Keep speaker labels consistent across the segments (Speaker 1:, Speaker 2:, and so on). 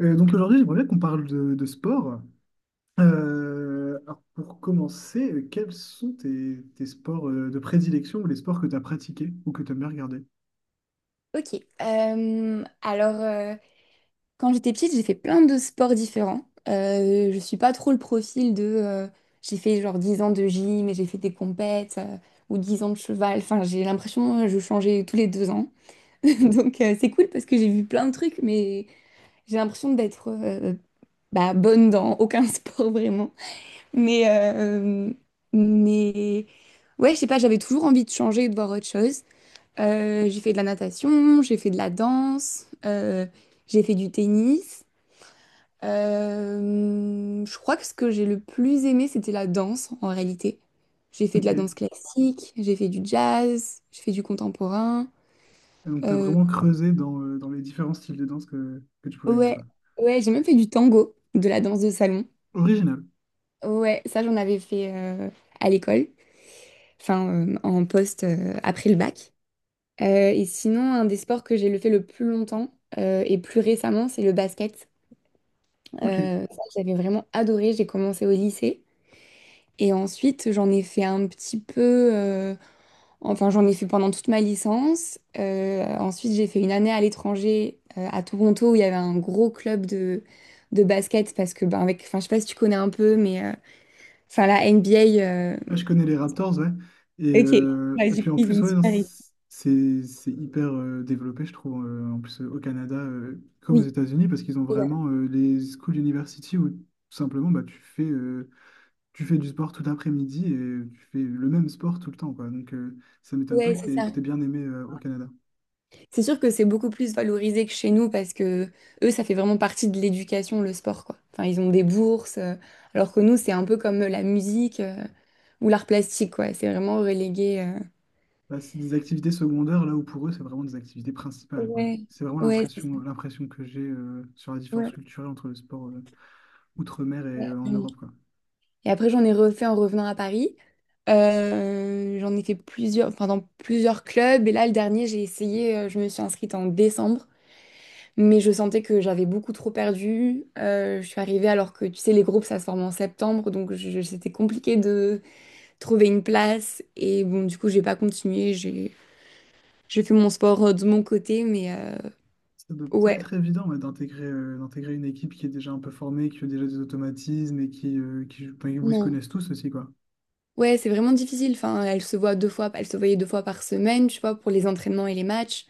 Speaker 1: Donc aujourd'hui, j'aimerais bien qu'on parle de sport. Alors pour commencer, quels sont tes sports de prédilection ou les sports que tu as pratiqués ou que tu aimes bien regarder?
Speaker 2: Ok. Alors, quand j'étais petite, j'ai fait plein de sports différents. Je suis pas trop le profil de... j'ai fait genre 10 ans de gym et j'ai fait des compètes ou 10 ans de cheval. Enfin, j'ai l'impression que je changeais tous les 2 ans. Donc, c'est cool parce que j'ai vu plein de trucs, mais j'ai l'impression d'être bah, bonne dans aucun sport vraiment. Mais, euh, mais ouais, je sais pas, j'avais toujours envie de changer et de voir autre chose. J'ai fait de la natation, j'ai fait de la danse, j'ai fait du tennis. Je crois que ce que j'ai le plus aimé, c'était la danse en réalité. J'ai fait de
Speaker 1: Ok.
Speaker 2: la
Speaker 1: Et
Speaker 2: danse classique, j'ai fait du jazz, j'ai fait du contemporain.
Speaker 1: donc tu as
Speaker 2: Euh,
Speaker 1: vraiment creusé dans les différents styles de danse que tu pouvais aimer,
Speaker 2: ouais,
Speaker 1: quoi.
Speaker 2: ouais, j'ai même fait du tango, de la danse de salon.
Speaker 1: Original.
Speaker 2: Ouais, ça j'en avais fait à l'école, enfin en poste après le bac. Et sinon, un des sports que j'ai le fait le plus longtemps et plus récemment, c'est le basket.
Speaker 1: Ok.
Speaker 2: Ça, j'avais vraiment adoré. J'ai commencé au lycée. Et ensuite, j'en ai fait un petit peu... Enfin, j'en ai fait pendant toute ma licence. Ensuite, j'ai fait une année à l'étranger, à Toronto, où il y avait un gros club de basket. Parce que, ben, avec, enfin, je sais pas si tu connais un peu, mais enfin, la NBA.
Speaker 1: Ah, je connais les Raptors, ouais. Et,
Speaker 2: Ok,
Speaker 1: euh,
Speaker 2: ouais,
Speaker 1: et
Speaker 2: du
Speaker 1: puis
Speaker 2: coup,
Speaker 1: en
Speaker 2: ils ont
Speaker 1: plus,
Speaker 2: une
Speaker 1: ouais, non,
Speaker 2: super équipe.
Speaker 1: c'est hyper développé, je trouve, en plus au Canada, comme aux
Speaker 2: Oui,
Speaker 1: États-Unis, parce qu'ils ont
Speaker 2: ouais,
Speaker 1: vraiment les school university où tout simplement bah, tu fais du sport tout l'après-midi et tu fais le même sport tout le temps, quoi. Donc, ça m'étonne pas
Speaker 2: ouais,
Speaker 1: que
Speaker 2: c'est
Speaker 1: t'aies, que
Speaker 2: ça.
Speaker 1: t'aies bien aimé au Canada.
Speaker 2: C'est sûr que c'est beaucoup plus valorisé que chez nous parce que eux, ça fait vraiment partie de l'éducation, le sport, quoi. Enfin, ils ont des bourses, alors que nous, c'est un peu comme la musique, ou l'art plastique, quoi. C'est vraiment relégué.
Speaker 1: Bah, c'est des activités secondaires, là où pour eux, c'est vraiment des activités principales, quoi.
Speaker 2: Ouais,
Speaker 1: C'est vraiment
Speaker 2: ouais,
Speaker 1: l'impression, l'impression que j'ai sur la différence
Speaker 2: ouais.
Speaker 1: culturelle entre le sport outre-mer et en Europe, quoi.
Speaker 2: Et après, j'en ai refait en revenant à Paris. J'en ai fait plusieurs, enfin, dans plusieurs clubs. Et là, le dernier, j'ai essayé, je me suis inscrite en décembre, mais je sentais que j'avais beaucoup trop perdu. Je suis arrivée alors que, tu sais, les groupes, ça se forme en septembre, donc c'était compliqué de trouver une place. Et bon, du coup, j'ai pas continué. J'ai fait mon sport de mon côté, mais
Speaker 1: Ça doit pas
Speaker 2: ouais,
Speaker 1: être évident, ouais, d'intégrer une équipe qui est déjà un peu formée, qui a déjà des automatismes et qui, enfin, où ils se
Speaker 2: non.
Speaker 1: connaissent tous aussi, quoi.
Speaker 2: Ouais, c'est vraiment difficile. Enfin, elle se voyait deux fois par semaine, tu vois, pour les entraînements et les matchs.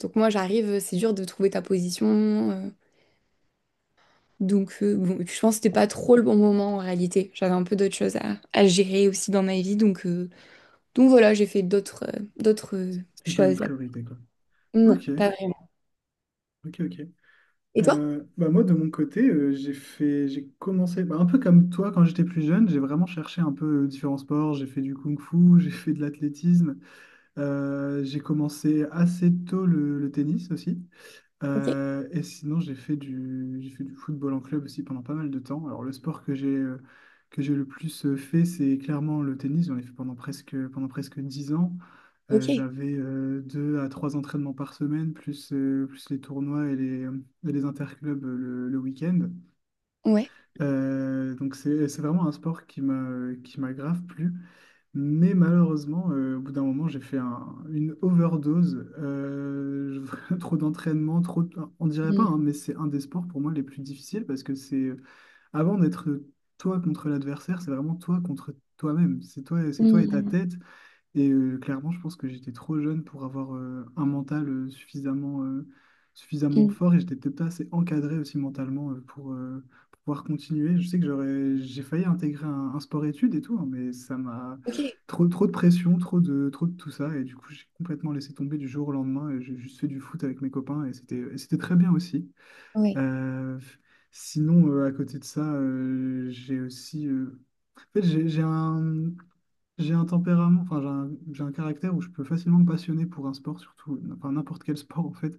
Speaker 2: Donc moi, j'arrive, c'est dur de trouver ta position. Donc bon, et puis je pense que c'était pas trop le bon moment en réalité. J'avais un peu d'autres choses à gérer aussi dans ma vie, donc voilà, j'ai fait d'autres
Speaker 1: C'était pas une
Speaker 2: choses.
Speaker 1: priorité, quoi.
Speaker 2: Non,
Speaker 1: Ok,
Speaker 2: pas vraiment.
Speaker 1: ok, ok.
Speaker 2: Et toi?
Speaker 1: Bah moi, de mon côté, j'ai commencé bah, un peu comme toi quand j'étais plus jeune. J'ai vraiment cherché un peu différents sports. J'ai fait du kung-fu, j'ai fait de l'athlétisme. J'ai commencé assez tôt le tennis aussi.
Speaker 2: Ok,
Speaker 1: Et sinon, j'ai fait du football en club aussi pendant pas mal de temps. Alors, le sport que j'ai le plus fait, c'est clairement le tennis. J'en ai fait pendant presque 10 ans.
Speaker 2: ok,
Speaker 1: J'avais deux à trois entraînements par semaine, plus les tournois et les interclubs le week-end.
Speaker 2: ouais.
Speaker 1: Donc, c'est vraiment un sport qui m'a grave plu. Mais malheureusement, au bout d'un moment, j'ai fait une overdose. Trop d'entraînement, on dirait pas,
Speaker 2: Mm.
Speaker 1: hein, mais c'est un des sports pour moi les plus difficiles parce que c'est avant d'être toi contre l'adversaire, c'est vraiment toi contre toi-même. C'est toi et ta
Speaker 2: Mm.
Speaker 1: tête. Clairement, je pense que j'étais trop jeune pour avoir un mental suffisamment
Speaker 2: Mm.
Speaker 1: fort et j'étais peut-être pas assez encadré aussi mentalement pour pouvoir continuer. Je sais que j'ai failli intégrer un sport-études et tout, hein, mais ça m'a
Speaker 2: Ok.
Speaker 1: trop de pression, trop de tout ça. Et du coup, j'ai complètement laissé tomber du jour au lendemain et j'ai juste fait du foot avec mes copains et et c'était très bien aussi.
Speaker 2: Oui,
Speaker 1: Euh, Sinon, à côté de ça, j'ai aussi. En fait, j'ai un tempérament, enfin j'ai un caractère où je peux facilement me passionner pour un sport, surtout, enfin n'importe quel sport en fait.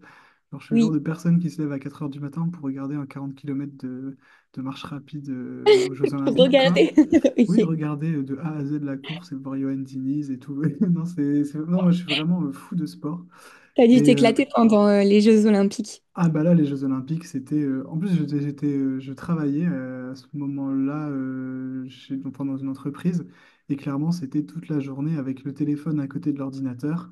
Speaker 1: Alors je suis le genre
Speaker 2: oui,
Speaker 1: de personne qui se lève à 4 heures du matin pour regarder un 40 kilomètres de marche rapide aux Jeux
Speaker 2: pour
Speaker 1: Olympiques, quoi.
Speaker 2: regarder.
Speaker 1: Oui,
Speaker 2: Ok.
Speaker 1: regarder de A à Z la course et voir Johan Diniz et tout. Non, non, moi je suis vraiment fou de sport.
Speaker 2: T'as dû
Speaker 1: Et euh,
Speaker 2: t'éclater pendant les Jeux Olympiques.
Speaker 1: ah bah là, les Jeux Olympiques, en plus, je travaillais à ce moment-là, donc, pendant une entreprise et clairement, c'était toute la journée avec le téléphone à côté de l'ordinateur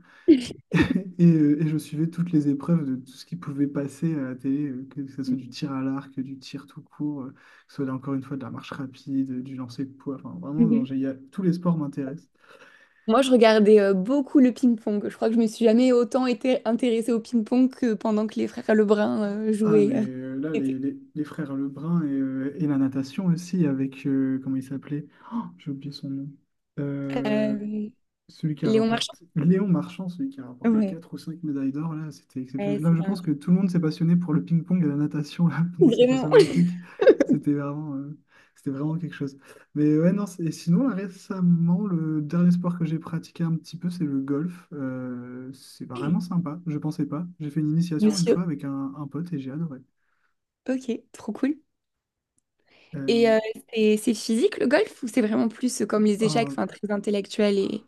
Speaker 1: et je suivais toutes les épreuves de tout ce qui pouvait passer à la télé, que ce soit du tir à l'arc, du tir tout court, que ce soit là, encore une fois de la marche rapide, du lancer de poids, enfin vraiment, non,
Speaker 2: Mhm.
Speaker 1: tous les sports m'intéressent.
Speaker 2: Moi, je regardais beaucoup le ping-pong. Je crois que je me suis jamais autant été intéressée au ping-pong que pendant que les frères Lebrun
Speaker 1: Ah,
Speaker 2: jouaient.
Speaker 1: là,
Speaker 2: L'été.
Speaker 1: les frères Lebrun et la natation aussi, avec, comment il s'appelait? Oh, j'ai oublié son nom. Euh,
Speaker 2: Euh,
Speaker 1: Celui qui a
Speaker 2: Léon Marchand.
Speaker 1: rapporté, Léon Marchand, celui qui a rapporté
Speaker 2: Ouais,
Speaker 1: 4 ou 5 médailles d'or, là, c'était
Speaker 2: ouais,
Speaker 1: exceptionnel. Là,
Speaker 2: c'est
Speaker 1: je pense
Speaker 2: dingue.
Speaker 1: que tout le monde s'est passionné pour le ping-pong et la natation, là, pendant ces Jeux
Speaker 2: Vraiment.
Speaker 1: Olympiques. C'était vraiment, euh, c'était vraiment quelque chose. Mais ouais, non, et sinon, là, récemment, le dernier sport que j'ai pratiqué un petit peu, c'est le golf. C'est vraiment sympa, je pensais pas. J'ai fait une initiation une fois
Speaker 2: Monsieur.
Speaker 1: avec un pote et j'ai adoré.
Speaker 2: Ok, trop cool.
Speaker 1: Euh,
Speaker 2: Et c'est physique le golf ou c'est vraiment plus comme les échecs,
Speaker 1: oh,
Speaker 2: enfin très intellectuel et...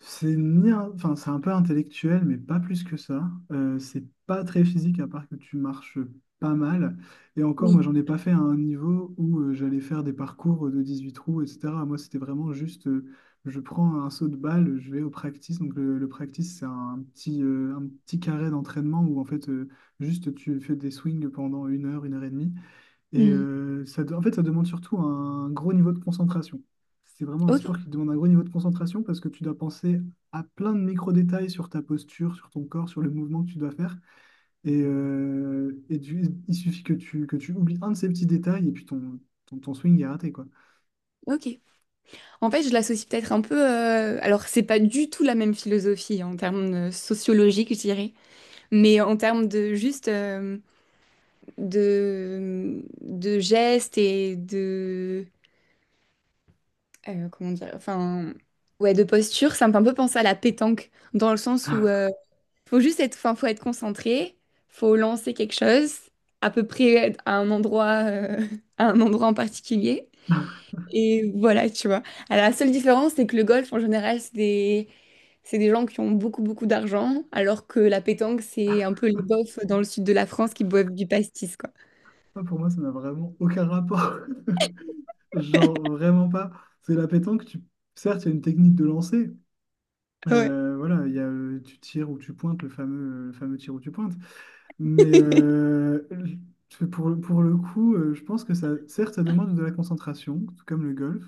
Speaker 1: c'est ni un- enfin, c'est un peu intellectuel, mais pas plus que ça. C'est pas très physique, à part que tu marches pas mal. Et encore, moi,
Speaker 2: Oui.
Speaker 1: j'en ai pas fait à un niveau où j'allais faire des parcours de 18 trous, etc. Moi, c'était vraiment juste, je prends un saut de balle, je vais au practice. Donc, le practice, c'est un petit carré d'entraînement où, en fait, juste tu fais des swings pendant une heure et demie.
Speaker 2: Hmm.
Speaker 1: Ça, en fait, ça demande surtout un gros niveau de concentration. C'est vraiment un
Speaker 2: Ok,
Speaker 1: sport qui demande un gros niveau de concentration parce que tu dois penser à plein de micro-détails sur ta posture, sur ton corps, sur le mouvement que tu dois faire. Il suffit que tu oublies un de ces petits détails et puis ton swing est raté, quoi.
Speaker 2: ok. En fait, je l'associe peut-être un peu. Alors, c'est pas du tout la même philosophie en termes sociologiques, je dirais, mais en termes de juste de gestes et de comment dire, enfin ouais, de posture. Ça me fait un peu penser à la pétanque dans le sens où faut juste être, enfin, faut être concentré, faut lancer quelque chose à peu près à un endroit, à un endroit en particulier. Et voilà, tu vois. Alors, la seule différence, c'est que le golf, en général, c'est des gens qui ont beaucoup, beaucoup d'argent, alors que la pétanque, c'est un peu les bofs dans le sud de la France qui boivent du pastis, quoi.
Speaker 1: Ah, pour moi, ça n'a vraiment aucun rapport. Genre, vraiment pas. C'est la pétanque, tu... certes, il y a une technique de lancer.
Speaker 2: Ouais.
Speaker 1: Voilà, tu tires ou tu pointes, le fameux tir ou tu pointes. Mais euh, l- pour le coup, je pense que ça, certes, ça demande de la concentration, tout comme le golf,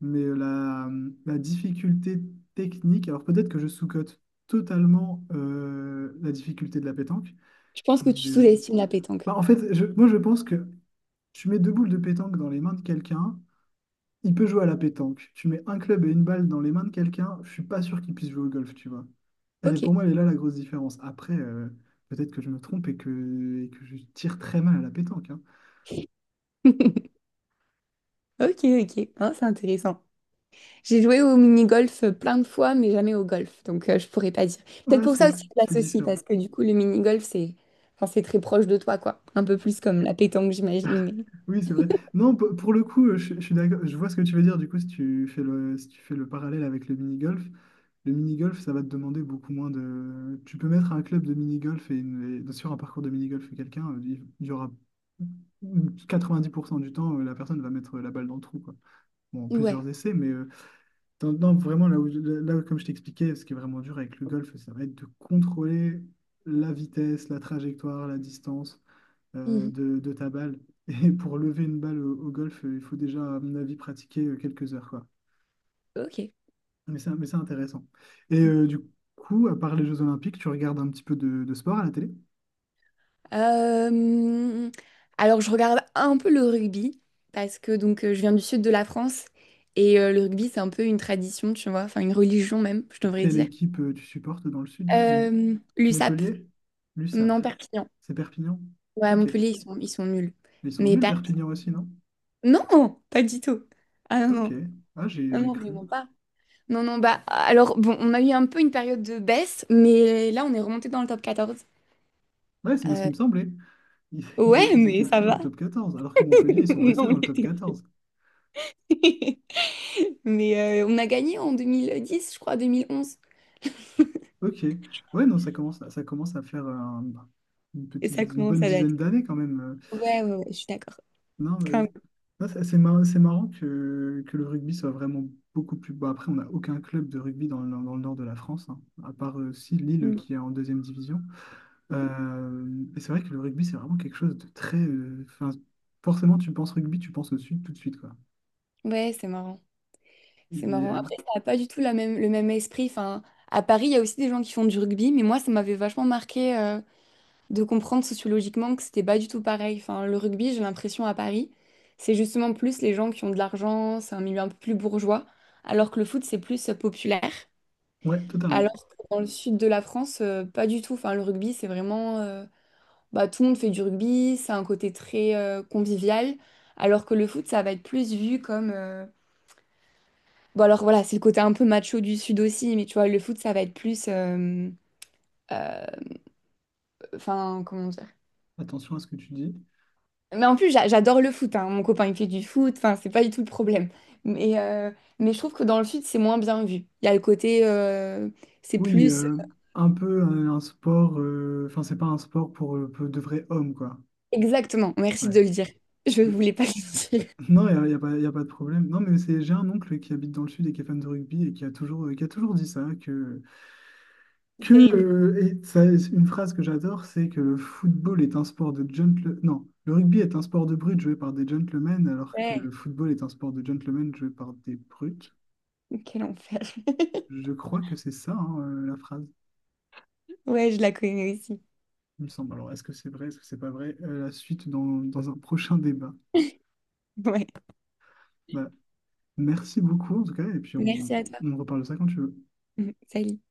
Speaker 1: mais euh, la, la difficulté technique, alors peut-être que je sous-cote totalement la difficulté de la pétanque,
Speaker 2: Je pense que tu
Speaker 1: mais, euh,
Speaker 2: sous-estimes la pétanque.
Speaker 1: bah, en fait, moi je pense que tu mets deux boules de pétanque dans les mains de quelqu'un, il peut jouer à la pétanque. Tu mets un club et une balle dans les mains de quelqu'un, je suis pas sûr qu'il puisse jouer au golf, tu vois. Elle est,
Speaker 2: Ok.
Speaker 1: pour moi, elle est là la grosse différence. Après, peut-être que je me trompe et et que je tire très mal à la pétanque, hein.
Speaker 2: Ok, ok. Hein, c'est intéressant. J'ai joué au mini-golf plein de fois, mais jamais au golf, donc je pourrais pas dire. Peut-être
Speaker 1: Ouais,
Speaker 2: pour ça aussi que je
Speaker 1: c'est
Speaker 2: l'associe,
Speaker 1: différent.
Speaker 2: parce que du coup, le mini-golf, c'est enfin, c'est très proche de toi, quoi. Un peu plus comme la pétanque, j'imagine, mais...
Speaker 1: Oui, c'est vrai. Non, pour le coup, je suis d'accord. Je vois ce que tu veux dire. Du coup, si tu fais le parallèle avec le mini-golf, ça va te demander beaucoup moins de. Tu peux mettre un club de mini-golf et sur un parcours de mini-golf quelqu'un, il y aura 90% du temps, la personne va mettre la balle dans le trou, quoi. Bon, en
Speaker 2: Ouais.
Speaker 1: plusieurs essais, mais. Non, non, vraiment, là, comme je t'expliquais, ce qui est vraiment dur avec le golf, ça va être de contrôler la vitesse, la trajectoire, la distance
Speaker 2: Mhm.
Speaker 1: de ta balle. Et pour lever une balle au golf, il faut déjà, à mon avis, pratiquer quelques heures, quoi.
Speaker 2: Ok.
Speaker 1: Mais c'est intéressant. Du coup, à part les Jeux Olympiques, tu regardes un petit peu de sport à la télé?
Speaker 2: Euh, alors, je regarde un peu le rugby parce que je viens du sud de la France et le rugby c'est un peu une tradition, tu vois, enfin une religion même, je
Speaker 1: Et
Speaker 2: devrais
Speaker 1: quelle
Speaker 2: dire.
Speaker 1: équipe tu supportes dans le sud?
Speaker 2: L'USAP,
Speaker 1: Montpellier? L'USAP.
Speaker 2: non, Perpignan.
Speaker 1: C'est Perpignan?
Speaker 2: Ouais, à
Speaker 1: Ok. Mais
Speaker 2: Montpellier, ils sont nuls.
Speaker 1: ils sont
Speaker 2: Mais
Speaker 1: nuls,
Speaker 2: Perpignan,
Speaker 1: Perpignan aussi, non?
Speaker 2: non, pas du tout. Ah non,
Speaker 1: Ok.
Speaker 2: non,
Speaker 1: Ah, j'ai
Speaker 2: non,
Speaker 1: j'ai
Speaker 2: non,
Speaker 1: cru.
Speaker 2: vraiment pas. Non, non, bah alors bon, on a eu un peu une période de baisse, mais là on est remonté dans le top 14.
Speaker 1: Ouais, c'est bien ce qui
Speaker 2: Euh,
Speaker 1: me semblait. Ils, ils-
Speaker 2: ouais,
Speaker 1: ils
Speaker 2: mais
Speaker 1: étaient
Speaker 2: ça
Speaker 1: plus dans
Speaker 2: va.
Speaker 1: le top 14, alors que Montpellier, ils sont
Speaker 2: Non,
Speaker 1: restés
Speaker 2: on
Speaker 1: dans le top
Speaker 2: l'était. pas.
Speaker 1: quatorze.
Speaker 2: Mais on a gagné en 2010 je crois, 2011.
Speaker 1: Ok. Ouais, non, ça commence à faire
Speaker 2: Et ça
Speaker 1: une
Speaker 2: commence
Speaker 1: bonne
Speaker 2: à
Speaker 1: dizaine
Speaker 2: dater.
Speaker 1: d'années quand même.
Speaker 2: Ouais, ouais, ouais, je suis d'accord.
Speaker 1: Non,
Speaker 2: Quand
Speaker 1: non, c'est marrant, c'est marrant que le rugby soit vraiment beaucoup plus... Bon, après, on n'a aucun club de rugby dans le nord de la France, hein, à part aussi Lille
Speaker 2: même.
Speaker 1: qui est en deuxième division. Et c'est vrai que le rugby, c'est vraiment quelque chose de enfin, forcément, tu penses rugby, tu penses au sud tout de suite, quoi.
Speaker 2: Mm. Ouais, c'est marrant. C'est marrant.
Speaker 1: Et,
Speaker 2: Après, ça n'a pas du tout la même, le même esprit. Enfin, à Paris, il y a aussi des gens qui font du rugby, mais moi, ça m'avait vachement marqué de comprendre sociologiquement que c'était pas du tout pareil. Enfin, le rugby, j'ai l'impression à Paris, c'est justement plus les gens qui ont de l'argent, c'est un milieu un peu plus bourgeois, alors que le foot, c'est plus populaire.
Speaker 1: ouais, totalement.
Speaker 2: Alors que dans le sud de la France, pas du tout. Enfin, le rugby, c'est vraiment. Bah, tout le monde fait du rugby, c'est un côté très convivial, alors que le foot, ça va être plus vu comme... Bon, alors voilà, c'est le côté un peu macho du Sud aussi, mais tu vois, le foot, ça va être plus... euh, Enfin, comment dire?
Speaker 1: Attention à ce que tu dis.
Speaker 2: Mais en plus, j'adore le foot, hein. Mon copain, il fait du foot, enfin, c'est pas du tout le problème. Mais, euh, mais je trouve que dans le Sud, c'est moins bien vu. Il y a le côté... C'est
Speaker 1: Oui,
Speaker 2: plus...
Speaker 1: un peu un sport, enfin, c'est pas un sport pour de vrais hommes, quoi.
Speaker 2: Exactement, merci
Speaker 1: Ouais.
Speaker 2: de le dire. Je
Speaker 1: Je-
Speaker 2: voulais pas le dire.
Speaker 1: Non, il n'y a, y a pas de problème. Non, mais c'est, j'ai un oncle qui habite dans le sud et qui est fan de rugby et qui a toujours dit ça,
Speaker 2: C'est
Speaker 1: que
Speaker 2: terrible.
Speaker 1: et ça, c'est une phrase que j'adore, c'est que le football est un sport de gentlemen. Non, le rugby est un sport de brutes joué par des gentlemen, alors que
Speaker 2: Ouais,
Speaker 1: le football est un sport de gentlemen joué par des brutes.
Speaker 2: quel enfer.
Speaker 1: Je crois que c'est ça, hein, la phrase,
Speaker 2: Ouais, je la connais aussi.
Speaker 1: il me semble. Alors, est-ce que c'est vrai, est-ce que c'est pas vrai? La suite dans un prochain débat.
Speaker 2: Ouais.
Speaker 1: Bah, merci beaucoup en tout cas, et puis
Speaker 2: Merci à toi.
Speaker 1: on reparle de ça quand tu veux.
Speaker 2: Salut.